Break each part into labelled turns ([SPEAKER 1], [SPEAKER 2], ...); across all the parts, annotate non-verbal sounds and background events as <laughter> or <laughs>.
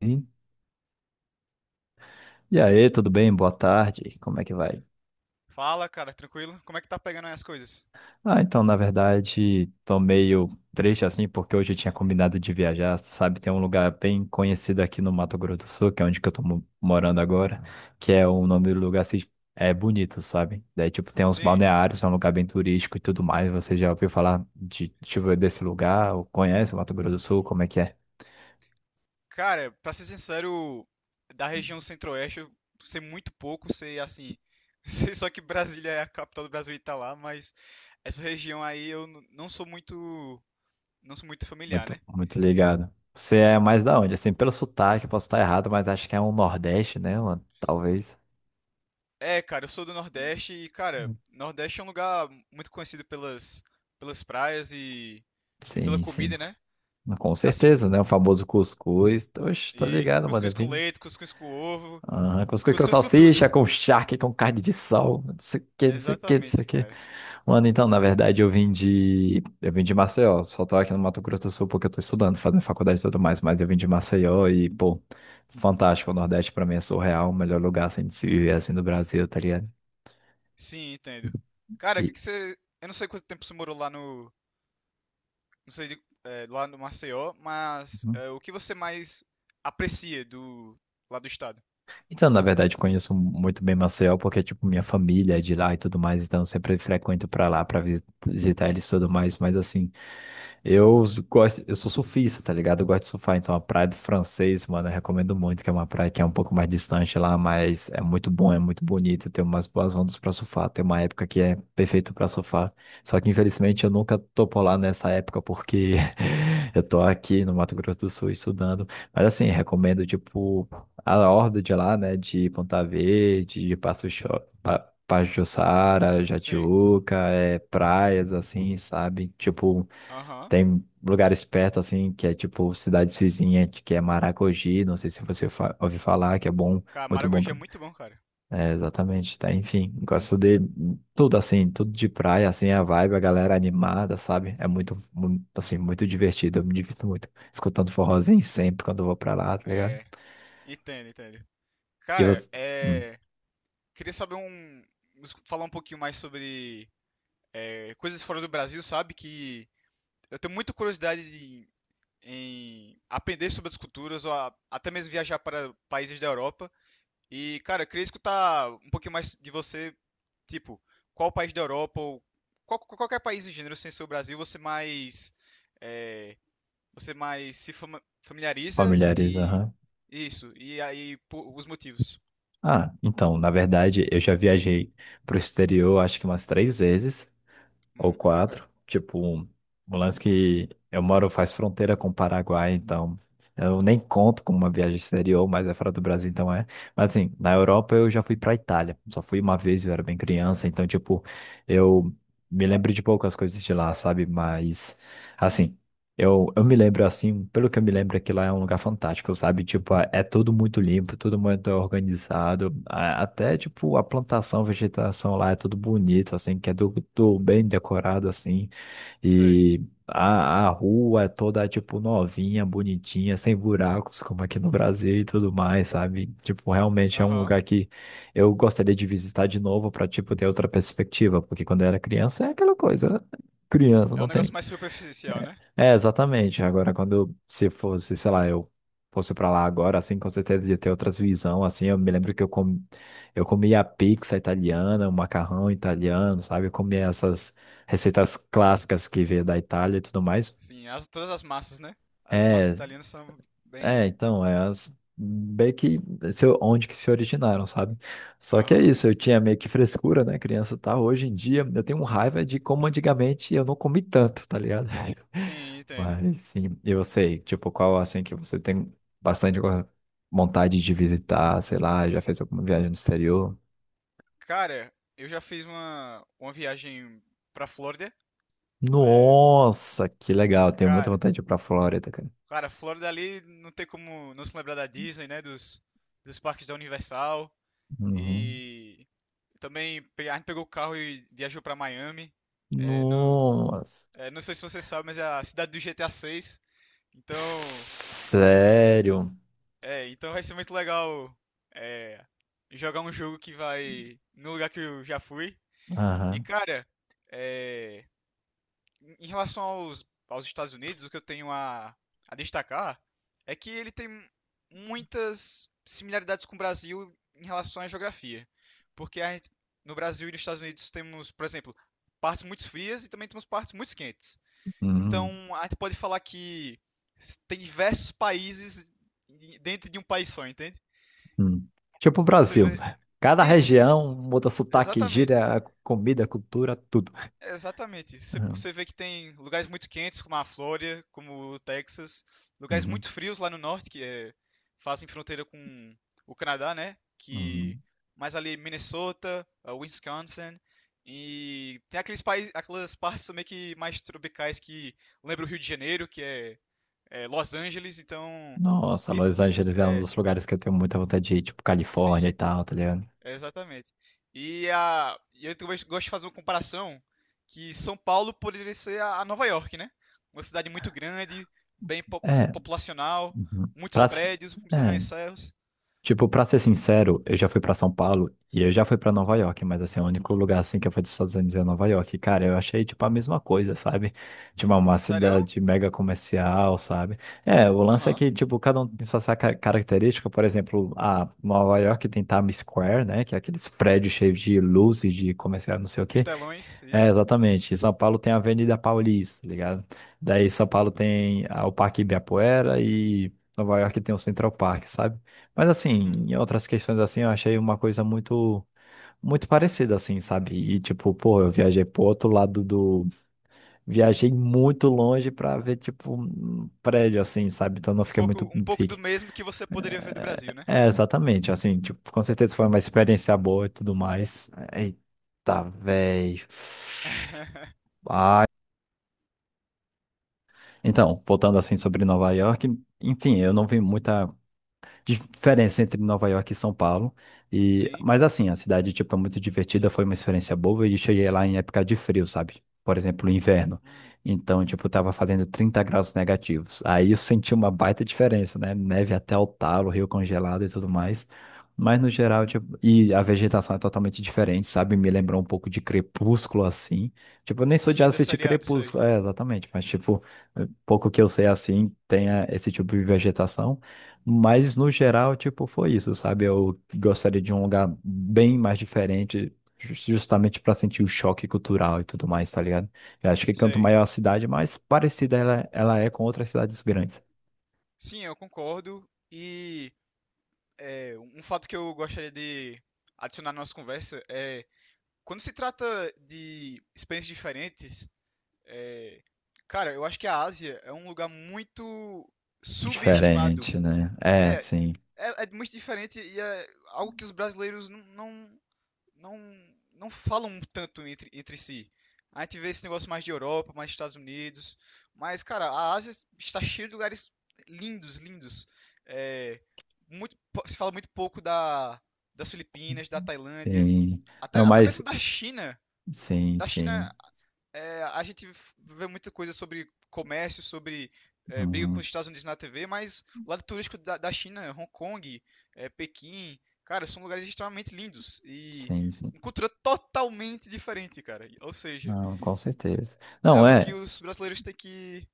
[SPEAKER 1] Sim. E aí, tudo bem? Boa tarde. Como é que vai?
[SPEAKER 2] Fala, cara, tranquilo? Como é que tá pegando aí as coisas?
[SPEAKER 1] Ah, então, na verdade, tô meio triste assim, porque hoje eu tinha combinado de viajar, sabe? Tem um lugar bem conhecido aqui no Mato Grosso do Sul, que é onde que eu tô morando agora, que é o nome do lugar assim, é bonito, sabe? Daí, tipo, tem uns
[SPEAKER 2] Sim.
[SPEAKER 1] balneários, é um lugar bem turístico e tudo mais. Você já ouviu falar de, tipo, desse lugar? Ou conhece o Mato Grosso do Sul? Como é que é?
[SPEAKER 2] Cara, pra ser sincero, da região centro-oeste, eu sei muito pouco, sei assim. <laughs> Sei só que Brasília é a capital do Brasil e tá lá, mas essa região aí eu não sou muito. Não sou muito familiar,
[SPEAKER 1] Muito,
[SPEAKER 2] né?
[SPEAKER 1] muito ligado. Você é mais da onde? Assim, pelo sotaque, posso estar errado, mas acho que é um Nordeste, né, mano? Talvez.
[SPEAKER 2] É, cara, eu sou do Nordeste e, cara, Nordeste é um lugar muito conhecido pelas praias e pela
[SPEAKER 1] Sim, sim.
[SPEAKER 2] comida, né?
[SPEAKER 1] Mas com
[SPEAKER 2] Assim,
[SPEAKER 1] certeza, né? O famoso cuscuz. Oxe, tô
[SPEAKER 2] isso,
[SPEAKER 1] ligado, mano. É
[SPEAKER 2] cuscuz com
[SPEAKER 1] bem...
[SPEAKER 2] leite, cuscuz com ovo,
[SPEAKER 1] Aham, cuscuz com
[SPEAKER 2] cuscuz com tudo.
[SPEAKER 1] salsicha, com charque, com carne de sol. Não sei o que, não sei o que, não sei o
[SPEAKER 2] Exatamente,
[SPEAKER 1] que.
[SPEAKER 2] cara.
[SPEAKER 1] Mano, então, na verdade, eu vim de... Eu vim de Maceió. Só tô aqui no Mato Grosso do Sul porque eu tô estudando, fazendo faculdade e tudo mais. Mas eu vim de Maceió e, pô, fantástico. O Nordeste pra mim é surreal. O melhor lugar, assim, de se viver, assim, do Brasil, tá ligado?
[SPEAKER 2] Sim, entendo. Cara, o que
[SPEAKER 1] E...
[SPEAKER 2] que você. Eu não sei quanto tempo você morou lá no. Não sei, lá no Maceió, mas o que você mais aprecia do. Lá do estado?
[SPEAKER 1] Então, na verdade, conheço muito bem Maceió, porque, tipo, minha família é de lá e tudo mais, então eu sempre frequento pra lá pra visitar eles e tudo mais, mas assim, eu gosto, eu sou surfista, tá ligado? Eu gosto de surfar, então a praia do Francês, mano, eu recomendo muito, que é uma praia que é um pouco mais distante lá, mas é muito bom, é muito bonito, tem umas boas ondas pra surfar, tem uma época que é perfeito pra surfar, só que infelizmente eu nunca tô por lá nessa época, porque <laughs> eu tô aqui no Mato Grosso do Sul estudando, mas assim, recomendo, tipo, a horda de lá, né? De Ponta Verde, de Pajuçara,
[SPEAKER 2] Sim.
[SPEAKER 1] Jatiúca, é, praias, assim, sabe? Tipo,
[SPEAKER 2] Aham.
[SPEAKER 1] tem lugares perto, assim, que é tipo cidades vizinhas, que é Maragogi, não sei se você fa ouviu falar, que é bom,
[SPEAKER 2] Cara,
[SPEAKER 1] muito bom.
[SPEAKER 2] Maragogi é muito bom, cara.
[SPEAKER 1] É, exatamente, tá? Enfim, gosto de tudo, assim, tudo de praia, assim, a vibe, a galera animada, sabe? É muito, assim, muito divertido, eu me divirto muito, escutando forrozinho sempre quando eu vou pra lá, tá ligado?
[SPEAKER 2] É. Entendo, entendo.
[SPEAKER 1] E
[SPEAKER 2] Cara,
[SPEAKER 1] você... Hum.
[SPEAKER 2] é. Queria saber um. Falar um pouquinho mais sobre. Coisas fora do Brasil, sabe? Que eu tenho muita curiosidade em aprender sobre as culturas, ou até mesmo viajar para países da Europa. E, cara, eu queria escutar um pouquinho mais de você, tipo, qual país da Europa ou qualquer país em gênero sem ser o Brasil você mais é, você mais se familiariza
[SPEAKER 1] Familiares,
[SPEAKER 2] e
[SPEAKER 1] aham.
[SPEAKER 2] isso, e aí os motivos.
[SPEAKER 1] Ah, então, na verdade, eu já viajei pro exterior, acho que umas 3 vezes, ou
[SPEAKER 2] Ok,
[SPEAKER 1] quatro. Tipo, um lance que eu moro faz fronteira com o Paraguai, então eu nem conto com uma viagem exterior, mas é fora do Brasil, então é. Mas assim, na Europa eu já fui pra Itália. Só fui uma vez, eu era bem criança, então, tipo, eu me lembro de poucas coisas de lá, sabe? Mas, assim. Eu me lembro assim, pelo que eu me lembro, é que lá é um lugar fantástico, sabe? Tipo, é tudo muito limpo, tudo muito organizado. Até, tipo, a plantação, a vegetação lá é tudo bonito, assim, que é tudo bem decorado, assim.
[SPEAKER 2] sei.
[SPEAKER 1] E a rua é toda, tipo, novinha, bonitinha, sem buracos, como aqui no Brasil e tudo mais, sabe? Tipo, realmente é um
[SPEAKER 2] Aham.
[SPEAKER 1] lugar que eu gostaria de visitar de novo para, tipo, ter outra perspectiva, porque quando eu era criança é aquela coisa, né? Criança,
[SPEAKER 2] É um
[SPEAKER 1] não
[SPEAKER 2] negócio
[SPEAKER 1] tem.
[SPEAKER 2] mais superficial, né?
[SPEAKER 1] É, é, exatamente. Agora, quando se fosse, sei lá, eu fosse pra lá agora, assim, com certeza de ter outras visão, assim, eu me lembro que eu, com... eu comia pizza italiana, o macarrão italiano, sabe? Eu comia essas receitas clássicas que veio da Itália e tudo mais.
[SPEAKER 2] Sim, todas as massas, né? As massas
[SPEAKER 1] É,
[SPEAKER 2] italianas são
[SPEAKER 1] é,
[SPEAKER 2] bem.
[SPEAKER 1] então, é as bem que onde que se originaram, sabe? Só que é
[SPEAKER 2] Aham.
[SPEAKER 1] isso, eu tinha meio que frescura, né, criança, tá? Hoje em dia eu tenho raiva de como antigamente eu não comi tanto, tá ligado? <laughs>
[SPEAKER 2] Sim, entendo.
[SPEAKER 1] Mas sim, eu sei, tipo, qual assim que você tem bastante vontade de visitar, sei lá, já fez alguma viagem no exterior?
[SPEAKER 2] Cara, eu já fiz uma viagem pra Flórida. É,
[SPEAKER 1] Nossa, que legal, tenho muita
[SPEAKER 2] cara,
[SPEAKER 1] vontade de ir pra Flórida, cara.
[SPEAKER 2] Cara, Flórida ali não tem como não se lembrar da Disney, né? Dos, dos parques da Universal.
[SPEAKER 1] Uhum.
[SPEAKER 2] E também a gente pegou o carro e viajou pra Miami. É, não,
[SPEAKER 1] Nossa.
[SPEAKER 2] é, não sei se você sabe, mas é a cidade do GTA VI. Então,
[SPEAKER 1] Sério?
[SPEAKER 2] então vai ser muito legal é, jogar um jogo que vai no lugar que eu já fui. E,
[SPEAKER 1] Aham.
[SPEAKER 2] cara, é, Em relação aos, aos Estados Unidos, o que eu tenho a destacar é que ele tem muitas similaridades com o Brasil em relação à geografia. Porque a gente- no Brasil e nos Estados Unidos temos, por exemplo, partes muito frias e também temos partes muito quentes.
[SPEAKER 1] Uhum.
[SPEAKER 2] Então a gente pode falar que tem diversos países dentro de um país só, entende?
[SPEAKER 1] Hum. Tipo o
[SPEAKER 2] Quando você
[SPEAKER 1] Brasil,
[SPEAKER 2] vê.
[SPEAKER 1] né? Cada
[SPEAKER 2] Isso,
[SPEAKER 1] região muda sotaque,
[SPEAKER 2] exatamente.
[SPEAKER 1] gíria, comida, cultura, tudo.
[SPEAKER 2] Exatamente. Você
[SPEAKER 1] Uhum,
[SPEAKER 2] você vê que tem lugares muito quentes, como a Flórida, como o Texas, lugares
[SPEAKER 1] uhum,
[SPEAKER 2] muito frios lá no norte, que é, fazem fronteira com o Canadá, né? Que
[SPEAKER 1] uhum.
[SPEAKER 2] mais ali Minnesota, ah, Wisconsin, e tem aqueles países, aquelas partes também que mais tropicais que lembra o Rio de Janeiro, que é, é Los Angeles, então
[SPEAKER 1] Nossa,
[SPEAKER 2] e-
[SPEAKER 1] Los Angeles é um
[SPEAKER 2] é,
[SPEAKER 1] dos lugares que eu tenho muita vontade de ir, tipo Califórnia e
[SPEAKER 2] sim,
[SPEAKER 1] tal, tá ligado?
[SPEAKER 2] é, exatamente. E e eu também gosto de fazer uma comparação que São Paulo poderia ser a Nova York, né? Uma cidade muito grande, bem
[SPEAKER 1] É.
[SPEAKER 2] populacional,
[SPEAKER 1] Uhum.
[SPEAKER 2] muitos
[SPEAKER 1] Pra...
[SPEAKER 2] prédios, muitos
[SPEAKER 1] É.
[SPEAKER 2] arranha-céus.
[SPEAKER 1] Tipo, pra ser sincero, eu já fui pra São Paulo e eu já fui pra Nova York, mas assim, o único lugar assim que eu fui dos Estados Unidos é Nova York. E, cara, eu achei tipo a mesma coisa, sabe? Tipo, uma
[SPEAKER 2] Sério?
[SPEAKER 1] cidade mega comercial, sabe? É, o lance é
[SPEAKER 2] Aham.
[SPEAKER 1] que, tipo, cada um tem sua característica. Por exemplo, a Nova York tem Times Square, né? Que é aqueles prédios cheios de luzes, de comercial, não sei o
[SPEAKER 2] Os
[SPEAKER 1] quê.
[SPEAKER 2] telões,
[SPEAKER 1] É,
[SPEAKER 2] isso.
[SPEAKER 1] exatamente. Em São Paulo tem a Avenida Paulista, tá ligado? Daí São Paulo tem o Parque Ibirapuera e Nova York tem o Central Park, sabe? Mas assim,
[SPEAKER 2] Uhum.
[SPEAKER 1] em outras questões assim, eu achei uma coisa muito muito parecida assim, sabe? E tipo, pô, eu viajei pro outro lado do viajei muito longe pra ver tipo um prédio assim, sabe? Então não fiquei muito
[SPEAKER 2] Um pouco do
[SPEAKER 1] pique.
[SPEAKER 2] mesmo que você poderia ver do
[SPEAKER 1] É,
[SPEAKER 2] Brasil, né?
[SPEAKER 1] é, exatamente, assim, tipo, com certeza foi uma experiência boa e tudo mais. Eita, velho.
[SPEAKER 2] <laughs>
[SPEAKER 1] Então, voltando assim sobre Nova York, enfim, eu não vi muita diferença entre Nova York e São Paulo. E,
[SPEAKER 2] Sim.
[SPEAKER 1] mas assim, a cidade, tipo, é muito divertida, foi uma experiência boa e cheguei lá em época de frio, sabe? Por exemplo, inverno.
[SPEAKER 2] Hum.
[SPEAKER 1] Então, tipo, tava fazendo 30 graus negativos. Aí eu senti uma baita diferença, né? Neve até o talo, rio congelado e tudo mais. Mas no geral, tipo, e a vegetação é totalmente diferente, sabe? Me lembrou um pouco de Crepúsculo, assim. Tipo, eu nem sou de
[SPEAKER 2] Sim, da
[SPEAKER 1] assistir
[SPEAKER 2] seriado, sei.
[SPEAKER 1] Crepúsculo, é, exatamente. Mas, tipo, pouco que eu sei assim, tem esse tipo de vegetação. Mas no geral, tipo, foi isso, sabe? Eu gostaria de um lugar bem mais diferente, justamente para sentir o choque cultural e tudo mais, tá ligado? Eu acho que quanto
[SPEAKER 2] Sei.
[SPEAKER 1] maior a cidade, mais parecida ela é com outras cidades grandes.
[SPEAKER 2] Sim, eu concordo. E um fato que eu gostaria de adicionar na nossa conversa é quando se trata de experiências diferentes, é, cara, eu acho que a Ásia é um lugar muito subestimado.
[SPEAKER 1] Diferente, né? É,
[SPEAKER 2] É,
[SPEAKER 1] sim,
[SPEAKER 2] é muito diferente e é algo que os brasileiros não, não falam tanto entre si. A gente vê esse negócio mais de Europa, mais Estados Unidos. Mas, cara, a Ásia está cheia de lugares lindos, lindos. É, muito, se fala muito pouco das Filipinas, da Tailândia,
[SPEAKER 1] sim. Não,
[SPEAKER 2] até
[SPEAKER 1] mas
[SPEAKER 2] mesmo da China.
[SPEAKER 1] sim,
[SPEAKER 2] Da
[SPEAKER 1] sim.
[SPEAKER 2] China, é, a gente vê muita coisa sobre comércio, sobre briga com os
[SPEAKER 1] Uhum,
[SPEAKER 2] Estados Unidos na TV, mas o lado turístico da China, Hong Kong, é, Pequim, cara, são lugares extremamente lindos e
[SPEAKER 1] sim, sim.
[SPEAKER 2] uma cultura totalmente diferente, cara. Ou seja,
[SPEAKER 1] Não, com certeza.
[SPEAKER 2] é
[SPEAKER 1] Não,
[SPEAKER 2] algo que
[SPEAKER 1] é,
[SPEAKER 2] os brasileiros têm que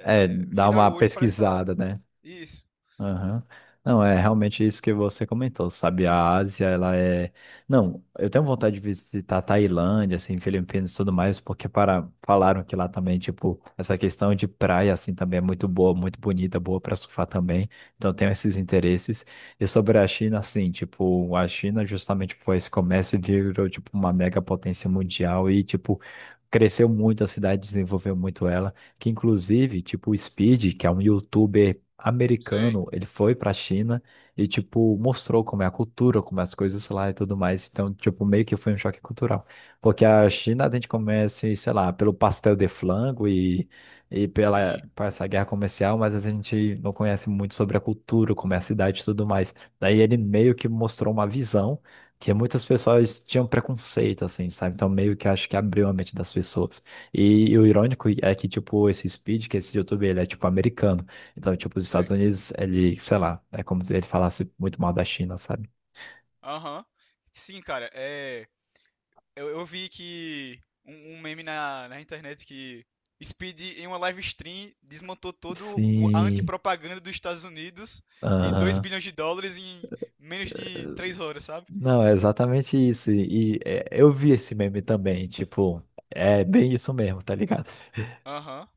[SPEAKER 1] é dar
[SPEAKER 2] virar
[SPEAKER 1] uma
[SPEAKER 2] o olho para essa.
[SPEAKER 1] pesquisada, né?
[SPEAKER 2] Isso,
[SPEAKER 1] Aham. Não, é realmente isso que você comentou, sabe? A Ásia, ela é. Não, eu tenho vontade de visitar a Tailândia, assim, Filipinas e tudo mais, porque para... falaram que lá também, tipo, essa questão de praia, assim, também é muito boa, muito bonita, boa para surfar também. Então, eu tenho esses interesses. E sobre a China, assim, tipo, a China, justamente por esse comércio, virou, tipo, uma mega potência mundial e, tipo, cresceu muito a cidade, desenvolveu muito ela. Que inclusive, tipo, o Speed, que é um youtuber
[SPEAKER 2] sei,
[SPEAKER 1] americano, ele foi pra China e, tipo, mostrou como é a cultura, como é as coisas lá e tudo mais. Então, tipo, meio que foi um choque cultural. Porque a China a gente começa, sei lá, pelo pastel de flango e pela,
[SPEAKER 2] sim,
[SPEAKER 1] por essa guerra comercial, mas a gente não conhece muito sobre a cultura, como é a cidade e tudo mais. Daí ele meio que mostrou uma visão que muitas pessoas tinham preconceito, assim, sabe? Então, meio que acho que abriu a mente das pessoas. E, o irônico é que, tipo, esse Speed, que esse YouTube ele é, tipo, americano. Então, tipo, os Estados
[SPEAKER 2] sei.
[SPEAKER 1] Unidos, ele, sei lá, é como se ele falasse muito mal da China, sabe?
[SPEAKER 2] Aham. Sim, cara, é. Eu vi que um meme na internet que Speed, em uma live stream, desmontou toda a
[SPEAKER 1] Sim.
[SPEAKER 2] antipropaganda dos Estados Unidos de 2
[SPEAKER 1] Aham.
[SPEAKER 2] bilhões de dólares em menos de 3 horas, sabe?
[SPEAKER 1] Não, é exatamente isso. Eu vi esse meme também, tipo, é bem isso mesmo, tá ligado?
[SPEAKER 2] Aham,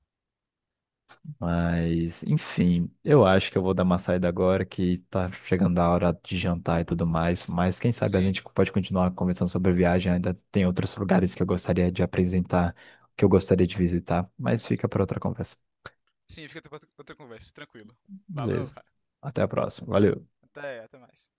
[SPEAKER 1] Mas, enfim, eu acho que eu vou dar uma saída agora que tá chegando a hora de jantar e tudo mais. Mas quem sabe a
[SPEAKER 2] sim.
[SPEAKER 1] gente pode continuar conversando sobre a viagem. Ainda tem outros lugares que eu gostaria de apresentar, que eu gostaria de visitar. Mas fica para outra conversa.
[SPEAKER 2] Sim, fica pra outra outra conversa, tranquilo. Valeu,
[SPEAKER 1] Beleza.
[SPEAKER 2] cara.
[SPEAKER 1] Até a próxima. Valeu.
[SPEAKER 2] Até, até mais.